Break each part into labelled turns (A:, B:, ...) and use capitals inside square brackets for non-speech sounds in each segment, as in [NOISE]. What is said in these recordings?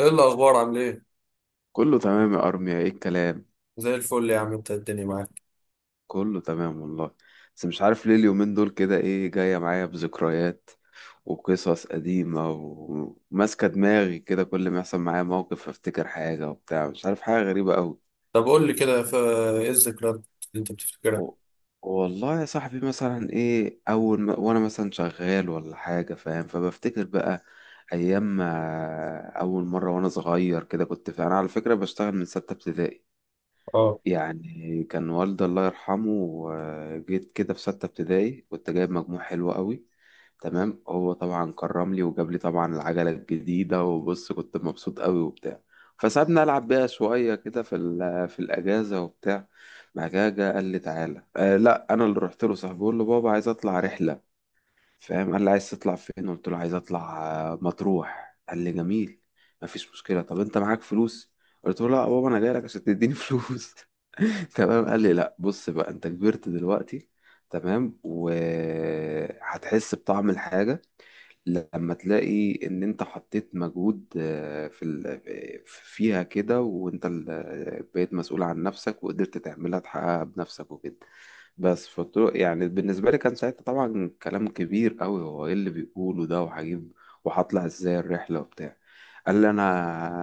A: ايه الاخبار؟ عامل ايه؟
B: كله تمام يا ارميا، ايه الكلام؟
A: زي الفل يا عم، انت الدنيا معاك.
B: كله تمام والله. بس مش عارف ليه اليومين دول كده ايه جايه معايا بذكريات وقصص قديمه وماسكه دماغي كده، كل ما يحصل معايا موقف افتكر حاجه وبتاع، مش عارف، حاجه غريبه قوي.
A: طب قول لي كده، ايه الذكريات اللي انت بتفتكرها؟
B: و- والله يا صاحبي مثلا ايه اول ما وانا مثلا شغال ولا حاجه فاهم، فبفتكر بقى ايام ما اول مره وانا صغير كده، كنت فاهم انا على فكره بشتغل من سته ابتدائي.
A: اه،
B: يعني كان والدي الله يرحمه، جيت كده في ستة ابتدائي كنت جايب مجموع حلو قوي. تمام، هو طبعا كرم لي وجاب لي طبعا العجلة الجديدة، وبص كنت مبسوط قوي وبتاع. فسابني ألعب بيها شوية كده في في الأجازة وبتاع. بعد كده جه قال لي تعالى، لا أنا اللي رحت له صاحبي، بقول له بابا عايز أطلع رحلة، فاهم؟ قال لي عايز تطلع فين؟ قلت له عايز أطلع، مطروح. قال لي جميل، مفيش مشكلة، طب أنت معاك فلوس؟ قلت له لا يا بابا، أنا جاي لك عشان تديني [LAUGHS] فلوس. [LAUGHS] تمام، قال لي لا بص بقى انت كبرت دلوقتي، تمام، وهتحس بطعم الحاجة لما تلاقي ان انت حطيت مجهود آه، في ال... آه، فيها كده، وانت ال... آه، بقيت مسؤول عن نفسك وقدرت تعملها تحققها بنفسك وكده. بس فطرق يعني، بالنسبة لي كان ساعتها طبعا كلام كبير قوي، هو ايه اللي بيقوله ده، وهجيب وهطلع ازاي الرحلة وبتاع. قال لي انا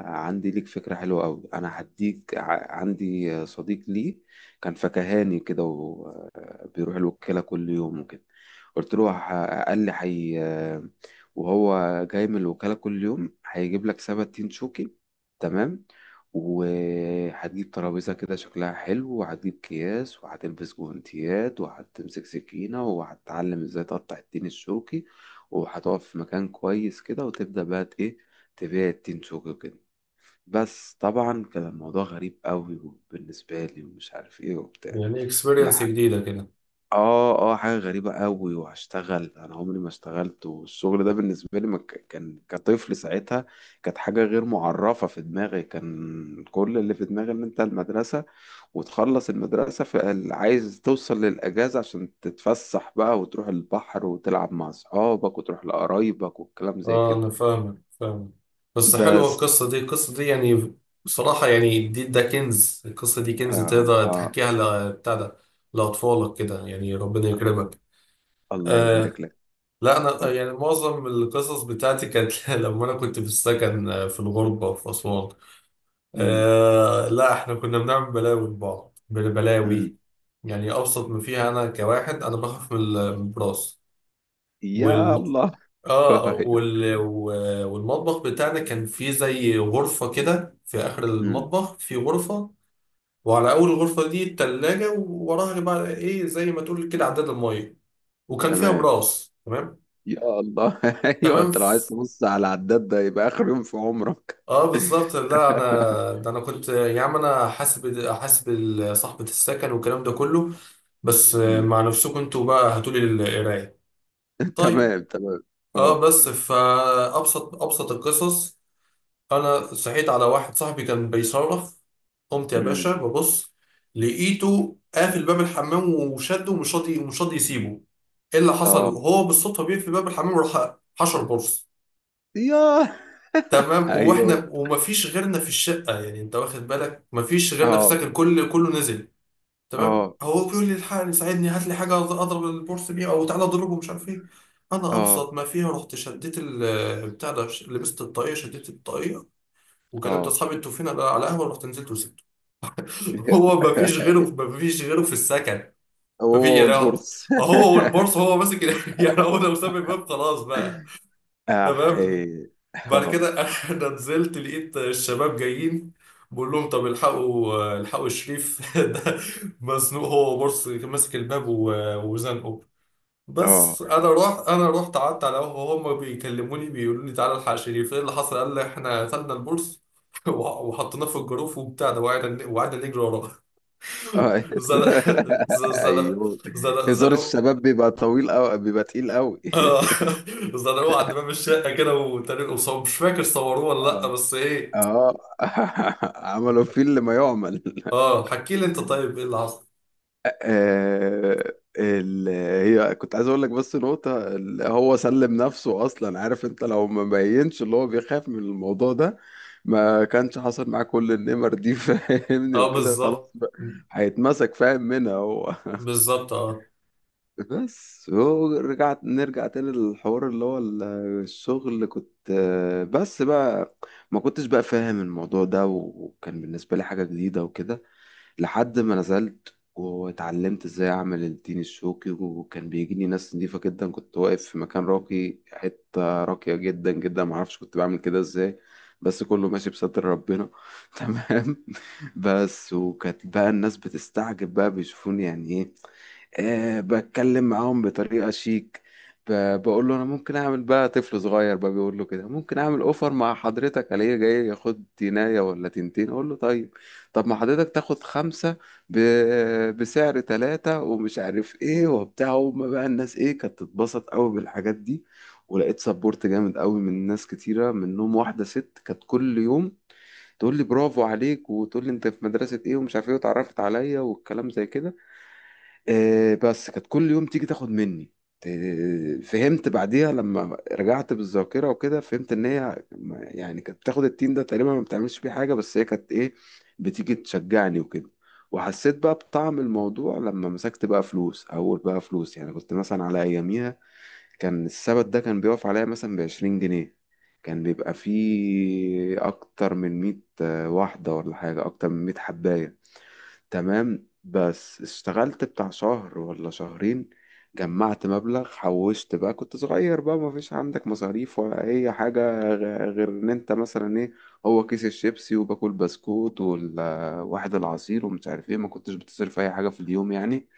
B: عندي ليك فكرة حلوة قوي، انا هديك عندي صديق لي كان فكهاني كده، وبيروح الوكالة كل يوم وكده. قلت له قال لي حي، وهو جاي من الوكالة كل يوم هيجيب لك سبت تين شوكي، تمام، وهتجيب ترابيزة كده شكلها حلو، وهتجيب أكياس، وهتلبس جوانتيات، وهتمسك سكينة، وهتتعلم ازاي تقطع التين الشوكي، وهتقف في مكان كويس كده وتبدأ بقى ت- ايه تبيع التين شوكي كده. بس طبعا كان الموضوع غريب قوي بالنسبة لي ومش عارف ايه وبتاع.
A: يعني اكسبيرينس
B: لا،
A: جديدة كده.
B: اه اه، حاجة غريبة قوي، وهشتغل انا عمري ما اشتغلت، والشغل ده بالنسبة لي ما كان كطفل ساعتها، كانت حاجة غير معرفة في دماغي. كان كل اللي في دماغي ان انت المدرسة وتخلص المدرسة، فعايز توصل للأجازة عشان تتفسح بقى وتروح البحر وتلعب مع اصحابك وتروح لقرايبك والكلام زي
A: اه
B: كده.
A: انا فاهمك فاهمك. بس حلوة
B: بس،
A: القصة دي يعني. بصراحة يعني ده كنز، القصة دي كنز،
B: آه
A: تقدر
B: آه.
A: تحكيها بتاع ده، لأطفالك كده، يعني ربنا يكرمك.
B: الله يبارك
A: آه،
B: لك.
A: لا. انا
B: اتفضل.
A: يعني معظم القصص بتاعتي كانت [LAUGHS] لما انا كنت في السكن، في الغربة في أسوان.
B: امم.
A: آه لا، احنا كنا بنعمل بلاوي لبعض، بلاوي.
B: امم.
A: يعني ابسط ما فيها، انا كواحد انا بخاف من البراس. والم...
B: يلا. [LAUGHS] أيوة.
A: والمطبخ بتاعنا كان فيه زي غرفة كده، في اخر
B: امم.
A: المطبخ في غرفة. وعلى اول غرفة دي التلاجة، ووراها بقى ايه، زي ما تقول كده، عداد المية، وكان فيها
B: تمام.
A: براس. تمام.
B: يا الله. [LAUGHS] ايوه،
A: تمام.
B: انت لو عايز تبص على العداد ده يبقى اخر يوم في عمرك.
A: اه بالظبط.
B: [LAUGHS]
A: لا انا ده، انا كنت يا عم، انا حاسب حاسب صاحبة السكن والكلام ده كله، بس
B: مم.
A: مع نفسكم انتوا بقى هاتولي القراية. طيب.
B: تمام تمام.
A: اه
B: اه.
A: بس فأبسط أبسط القصص، أنا صحيت على واحد صاحبي كان بيصرخ. قمت يا باشا
B: مم.
A: ببص، لقيته قافل باب الحمام وشده، ومش راضي ومش راضي يسيبه. ايه اللي حصل؟
B: اه.
A: هو بالصدفة بيقفل باب الحمام وراح حشر برص.
B: يا.
A: تمام،
B: ايوه.
A: واحنا ومفيش غيرنا في الشقة، يعني انت واخد بالك، مفيش غيرنا في
B: اه
A: سكن، كله نزل. تمام،
B: اه
A: هو بيقول لي: الحقني ساعدني، هات لي حاجه اضرب البورس بيها، او تعالى اضربه، مش عارف ايه. انا
B: اه
A: ابسط ما فيها رحت شديت بتاع ده، لبست الطاقيه، شديت الطاقيه، وكلمت
B: اه.
A: اصحابي: انتوا فين؟ انا على قهوه. رحت نزلت وسبته. [LAUGHS] هو ما فيش غيره،
B: [LAUGHS]
A: ما فيش غيره في السكن. ما في
B: هو
A: يعني، هو،
B: والبورس.
A: هو
B: [LAUGHS]
A: والبورصه، هو ماسك [LAUGHS] يعني هو لو ساب الباب خلاص بقى.
B: احي.
A: تمام. بعد
B: اه
A: كده [LAUGHS] انا نزلت، لقيت الشباب جايين، بقول لهم: طب الحقوا الحقوا شريف [LAUGHS] ده مزنوق، هو بص ماسك الباب وزنقه.
B: اه.
A: بس انا رحت، قعدت على قهوه. هم بيكلموني، بيقولوا لي: تعالى الحق شريف، ايه اللي حصل؟ قال لي: احنا خدنا البورس [LAUGHS] وحطيناه في الجروف وبتاع ده، وقعدنا، نجري وراه.
B: آه.
A: [LAUGHS] زنق،
B: [LAUGHS]
A: زنق،
B: ايوه،
A: زنق،
B: هزار
A: زنق.
B: الشباب بيبقى طويل قوي، بيبقى تقيل قوي. [LAUGHS]
A: [LAUGHS] زنقوه عند باب الشقه كده وتريقوا، مش فاكر صوروه ولا لا،
B: اه
A: بس ايه.
B: اه. [LAUGHS] عملوا فيه اللي ما يعمل.
A: اه حكي لي انت،
B: [LAUGHS]
A: طيب ايه اللي حصل؟
B: آه، ال... هي كنت عايز اقول لك بس نقطة هو سلم نفسه اصلا، عارف انت لو ما بينش اللي هو بيخاف من الموضوع ده، ما كانش حصل معاه كل النمر دي. [LAUGHS] فاهمني؟
A: اه
B: وكده خلاص
A: بالظبط.
B: بقى، هيتمسك، فاهم منها هو.
A: بالظبط اه.
B: بس هو رجعت، نرجع تاني للحوار اللي هو الشغل اللي كنت، بس بقى ما كنتش بقى فاهم الموضوع ده، وكان بالنسبة لي حاجة جديدة وكده، لحد ما نزلت واتعلمت ازاي اعمل التين الشوكي، وكان بيجيني ناس نضيفة جدا، كنت واقف في مكان راقي، حتة راقية جدا جدا، معرفش كنت بعمل كده ازاي، بس كله ماشي بستر ربنا. [LAUGHS] تمام. بس، وكانت بقى الناس بتستعجب بقى بيشوفوني يعني ايه، بتكلم معاهم بطريقة شيك، بقول له انا ممكن اعمل بقى، طفل صغير بقى بيقول له كده ممكن اعمل اوفر مع حضرتك، عليه جاي ياخد تينايه ولا تنتين، اقول له طيب، طب ما حضرتك تاخد خمسة ب... بسعر تلاتة ومش عارف ايه وبتاع، وما بقى الناس ايه كانت تتبسط قوي بالحاجات دي. ولقيت سبورت جامد قوي من ناس كتيرة، منهم واحدة ست كانت كل يوم تقول لي برافو عليك، وتقول لي انت في مدرسة ايه ومش عارف ايه، واتعرفت عليا والكلام زي كده. بس كانت كل يوم تيجي تاخد مني، فهمت بعديها لما رجعت بالذاكرة وكده، فهمت ان هي يعني كانت بتاخد التين ده تقريبا ما بتعملش بيه حاجة، بس هي كانت ايه، بتيجي تشجعني وكده. وحسيت بقى بطعم الموضوع لما مسكت بقى فلوس، اول بقى فلوس يعني، كنت مثلا على اياميها كان السبت ده كان بيقف عليا مثلا بعشرين جنيه، كان بيبقى فيه اكتر من مية، واحدة ولا حاجة، اكتر من مية حباية، تمام. بس اشتغلت بتاع شهر ولا شهرين، جمعت مبلغ، حوشت بقى، كنت صغير بقى، ما فيش عندك مصاريف ولا اي حاجة، غير ان انت مثلا ايه، هو كيس الشيبسي وباكل بسكوت والواحد العصير ومش عارف ايه، ما كنتش بتصرف اي حاجة في اليوم يعني.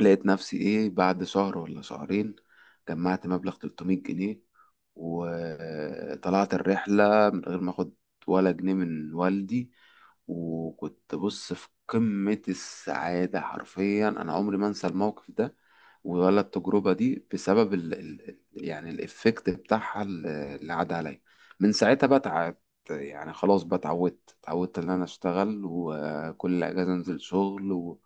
B: لقيت نفسي ايه بعد شهر ولا شهرين جمعت مبلغ 300 جنيه، وطلعت الرحلة من غير ما اخد ولا جنيه من والدي، وكنت بص في قمة السعادة حرفيا. انا عمري ما انسى الموقف ده ولا التجربة دي بسبب ال ال يعني الإفكت بتاعها اللي عدى عليا. من ساعتها بقى اتعب، يعني خلاص بقى اتعودت إن أنا أشتغل، وكل أجازة أنزل شغل،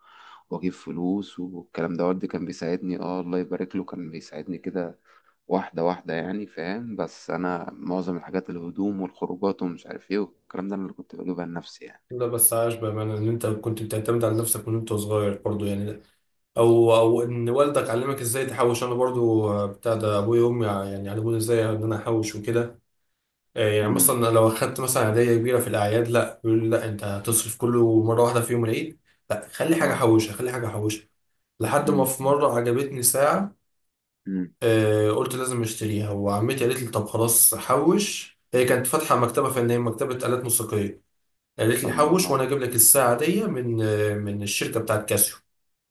B: واجيب فلوس والكلام ده. والدي كان بيساعدني، اه الله يبارك له، كان بيساعدني كده، واحدة واحدة يعني، فاهم؟ بس أنا معظم الحاجات، الهدوم والخروجات ومش عارف ايه والكلام ده، أنا اللي كنت بجيبها لنفسي يعني.
A: لا بس عاش، بامانه ان انت كنت بتعتمد على نفسك من وانت صغير برضو يعني. او ان والدك علمك ازاي تحوش. انا برضو بتاع ده، ابويا وامي، يعني علموني ازاي ان انا احوش وكده. يعني
B: امم.
A: مثلا لو اخدت مثلا هديه كبيره في الاعياد، لا يقول لي: لا انت هتصرف كله مره واحده في يوم العيد، لا خلي حاجه
B: اه.
A: احوشها، خلي حاجه احوشها. لحد ما
B: امم.
A: في
B: امم.
A: مره عجبتني ساعه،
B: أمم.
A: قلت لازم اشتريها، وعمتي قالت لي: طب خلاص حوش. هي كانت فاتحه مكتبه فنيه، مكتبه آلات موسيقيه. قالت لي:
B: الله.
A: حوش
B: آه.
A: وانا اجيب لك الساعه دي من، الشركه بتاعت كاسيو،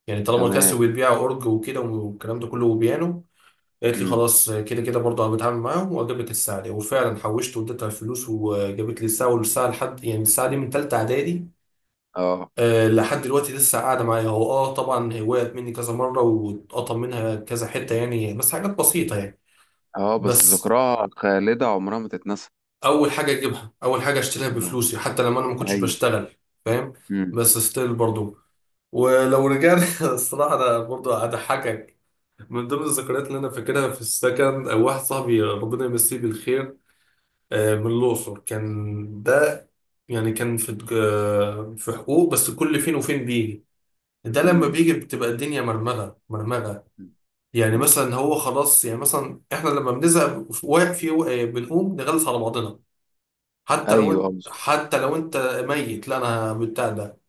A: يعني طالما كاسيو
B: تمام.
A: بتبيع اورج وكده والكلام ده كله وبيانو. قالت لي:
B: امم.
A: خلاص، كده كده برضه انا بتعامل معاهم واجيب لك الساعه دي. وفعلا حوشت واديتها الفلوس وجابت لي الساعه، والساعه لحد يعني الساعه دي من ثالثه اعدادي،
B: اه
A: لحد دلوقتي لسه قاعده معايا. هو طبعا هي وقعت مني كذا مره واتقطم منها كذا حته يعني، بس حاجات بسيطه يعني.
B: اه، بس
A: بس
B: ذكراها خالدة عمرها ما تتنسى.
A: اول حاجه اجيبها، اول حاجه اشتريها
B: اه.
A: بفلوسي حتى لما انا ما كنتش
B: ايوه.
A: بشتغل. فاهم.
B: امم.
A: بس ستيل برضو. ولو رجعنا [LAUGHS] الصراحه، انا برضو هضحكك. من ضمن الذكريات اللي انا فاكرها في السكن، واحد صاحبي، ربنا يمسيه بالخير، من الاقصر كان ده. يعني كان في حقوق، بس كل فين وفين بيجي. ده لما
B: امم.
A: بيجي بتبقى الدنيا مرمغه مرمغه.
B: أمم.
A: يعني
B: أمم.
A: مثلا هو خلاص، يعني مثلا احنا لما بنزهق بنقوم نغلس على بعضنا.
B: ايوه. اه،
A: حتى لو انت ميت، لا انا بتاع ده،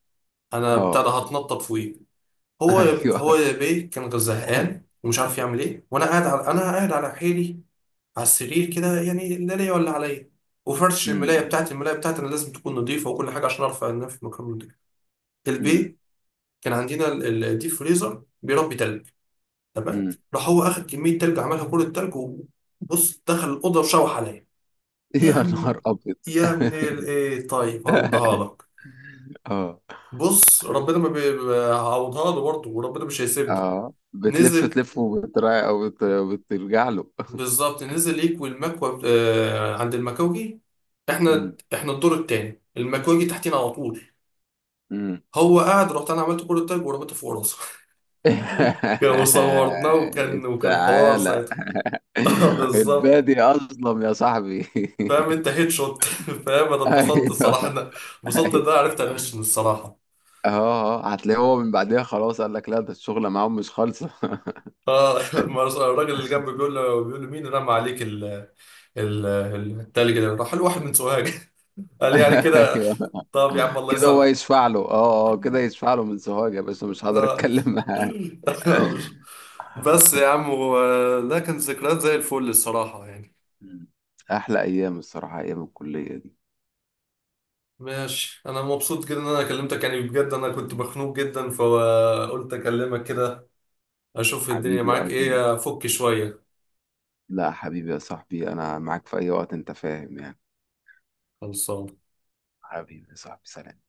A: انا بتاع
B: آه.
A: ده هتنطط فوقيه. هو
B: [LAUGHS]
A: هو
B: ايوه.
A: يا بيه كان زهقان ومش عارف يعمل ايه، وانا قاعد على، حيلي على السرير كده، يعني لا ليا ولا عليا، وفرش الملايه
B: امم.
A: بتاعتي، انا لازم تكون نظيفه وكل حاجه عشان ارفع النفس في مكان نضيف.
B: امم.
A: البيه كان عندنا الديب فريزر بيربي تلج. تمام.
B: أمم.
A: راح هو اخد كميه تلج، عملها كل التلج وبص دخل الاوضه وشوح عليا. يا
B: يا
A: عم،
B: نهار ابيض.
A: يا ابن
B: [LAUGHS]
A: الايه، طيب هردها لك.
B: [LAUGHS] اه
A: بص، ربنا، ما هعوضها له برضه، وربنا مش هيسيبني.
B: اه، بتلف
A: نزل.
B: تلف وبترا او بترجع له.
A: بالظبط نزل يكوي المكوى، عند المكوجي. احنا،
B: مم.
A: الدور التاني، المكوجي تحتينا على طول.
B: مم.
A: هو قاعد رحت انا عملت كل التاج ورميته فوق راسه. [LAUGHS]
B: [LAUGHS]
A: وصورناه، وكان، حوار
B: تعالى،
A: ساعتها. [LAUGHS] بالظبط.
B: البادي اظلم يا صاحبي.
A: فاهم انت، هيد شوت. [LAUGHS] فاهم، انا
B: [LAUGHS]
A: اتبسطت
B: ايوه.
A: الصراحه، انا اتبسطت ان انا
B: ايوه.
A: عرفت انشن الصراحه.
B: اه اه، هتلاقيه هو من بعدها خلاص قال لك لا ده الشغله معاهم مش خالصه. [LAUGHS]
A: اه [LAUGHS] ما رس- الراجل اللي جنبي بيقول له، مين رمى عليك ال، التلج ده؟ راح الواحد من سوهاج [LAUGHS] قال، يعني كده
B: ايوه
A: طب يا عم الله
B: كده، هو
A: يسامحك.
B: يشفع له، اه اه، كده يشفع له، من سوهاج يا باشا مش هقدر
A: آه.
B: اتكلم معاه.
A: [LAUGHS] مش- بس يا
B: [LAUGHS]
A: عم، ده كانت ذكريات زي الفل الصراحة يعني.
B: مم. احلى ايام الصراحه، ايام الكليه دي.
A: ماشي، انا مبسوط جدا ان انا كلمتك يعني بجد، انا كنت مخنوق جدا فقلت اكلمك كده، اشوف الدنيا
B: حبيبي يا
A: معاك
B: ارمي.
A: ايه، افك شوية.
B: لا حبيبي يا صاحبي، انا معاك في اي وقت، انت فاهم يعني.
A: خلصان.
B: حبيبي يا صاحبي، سلام.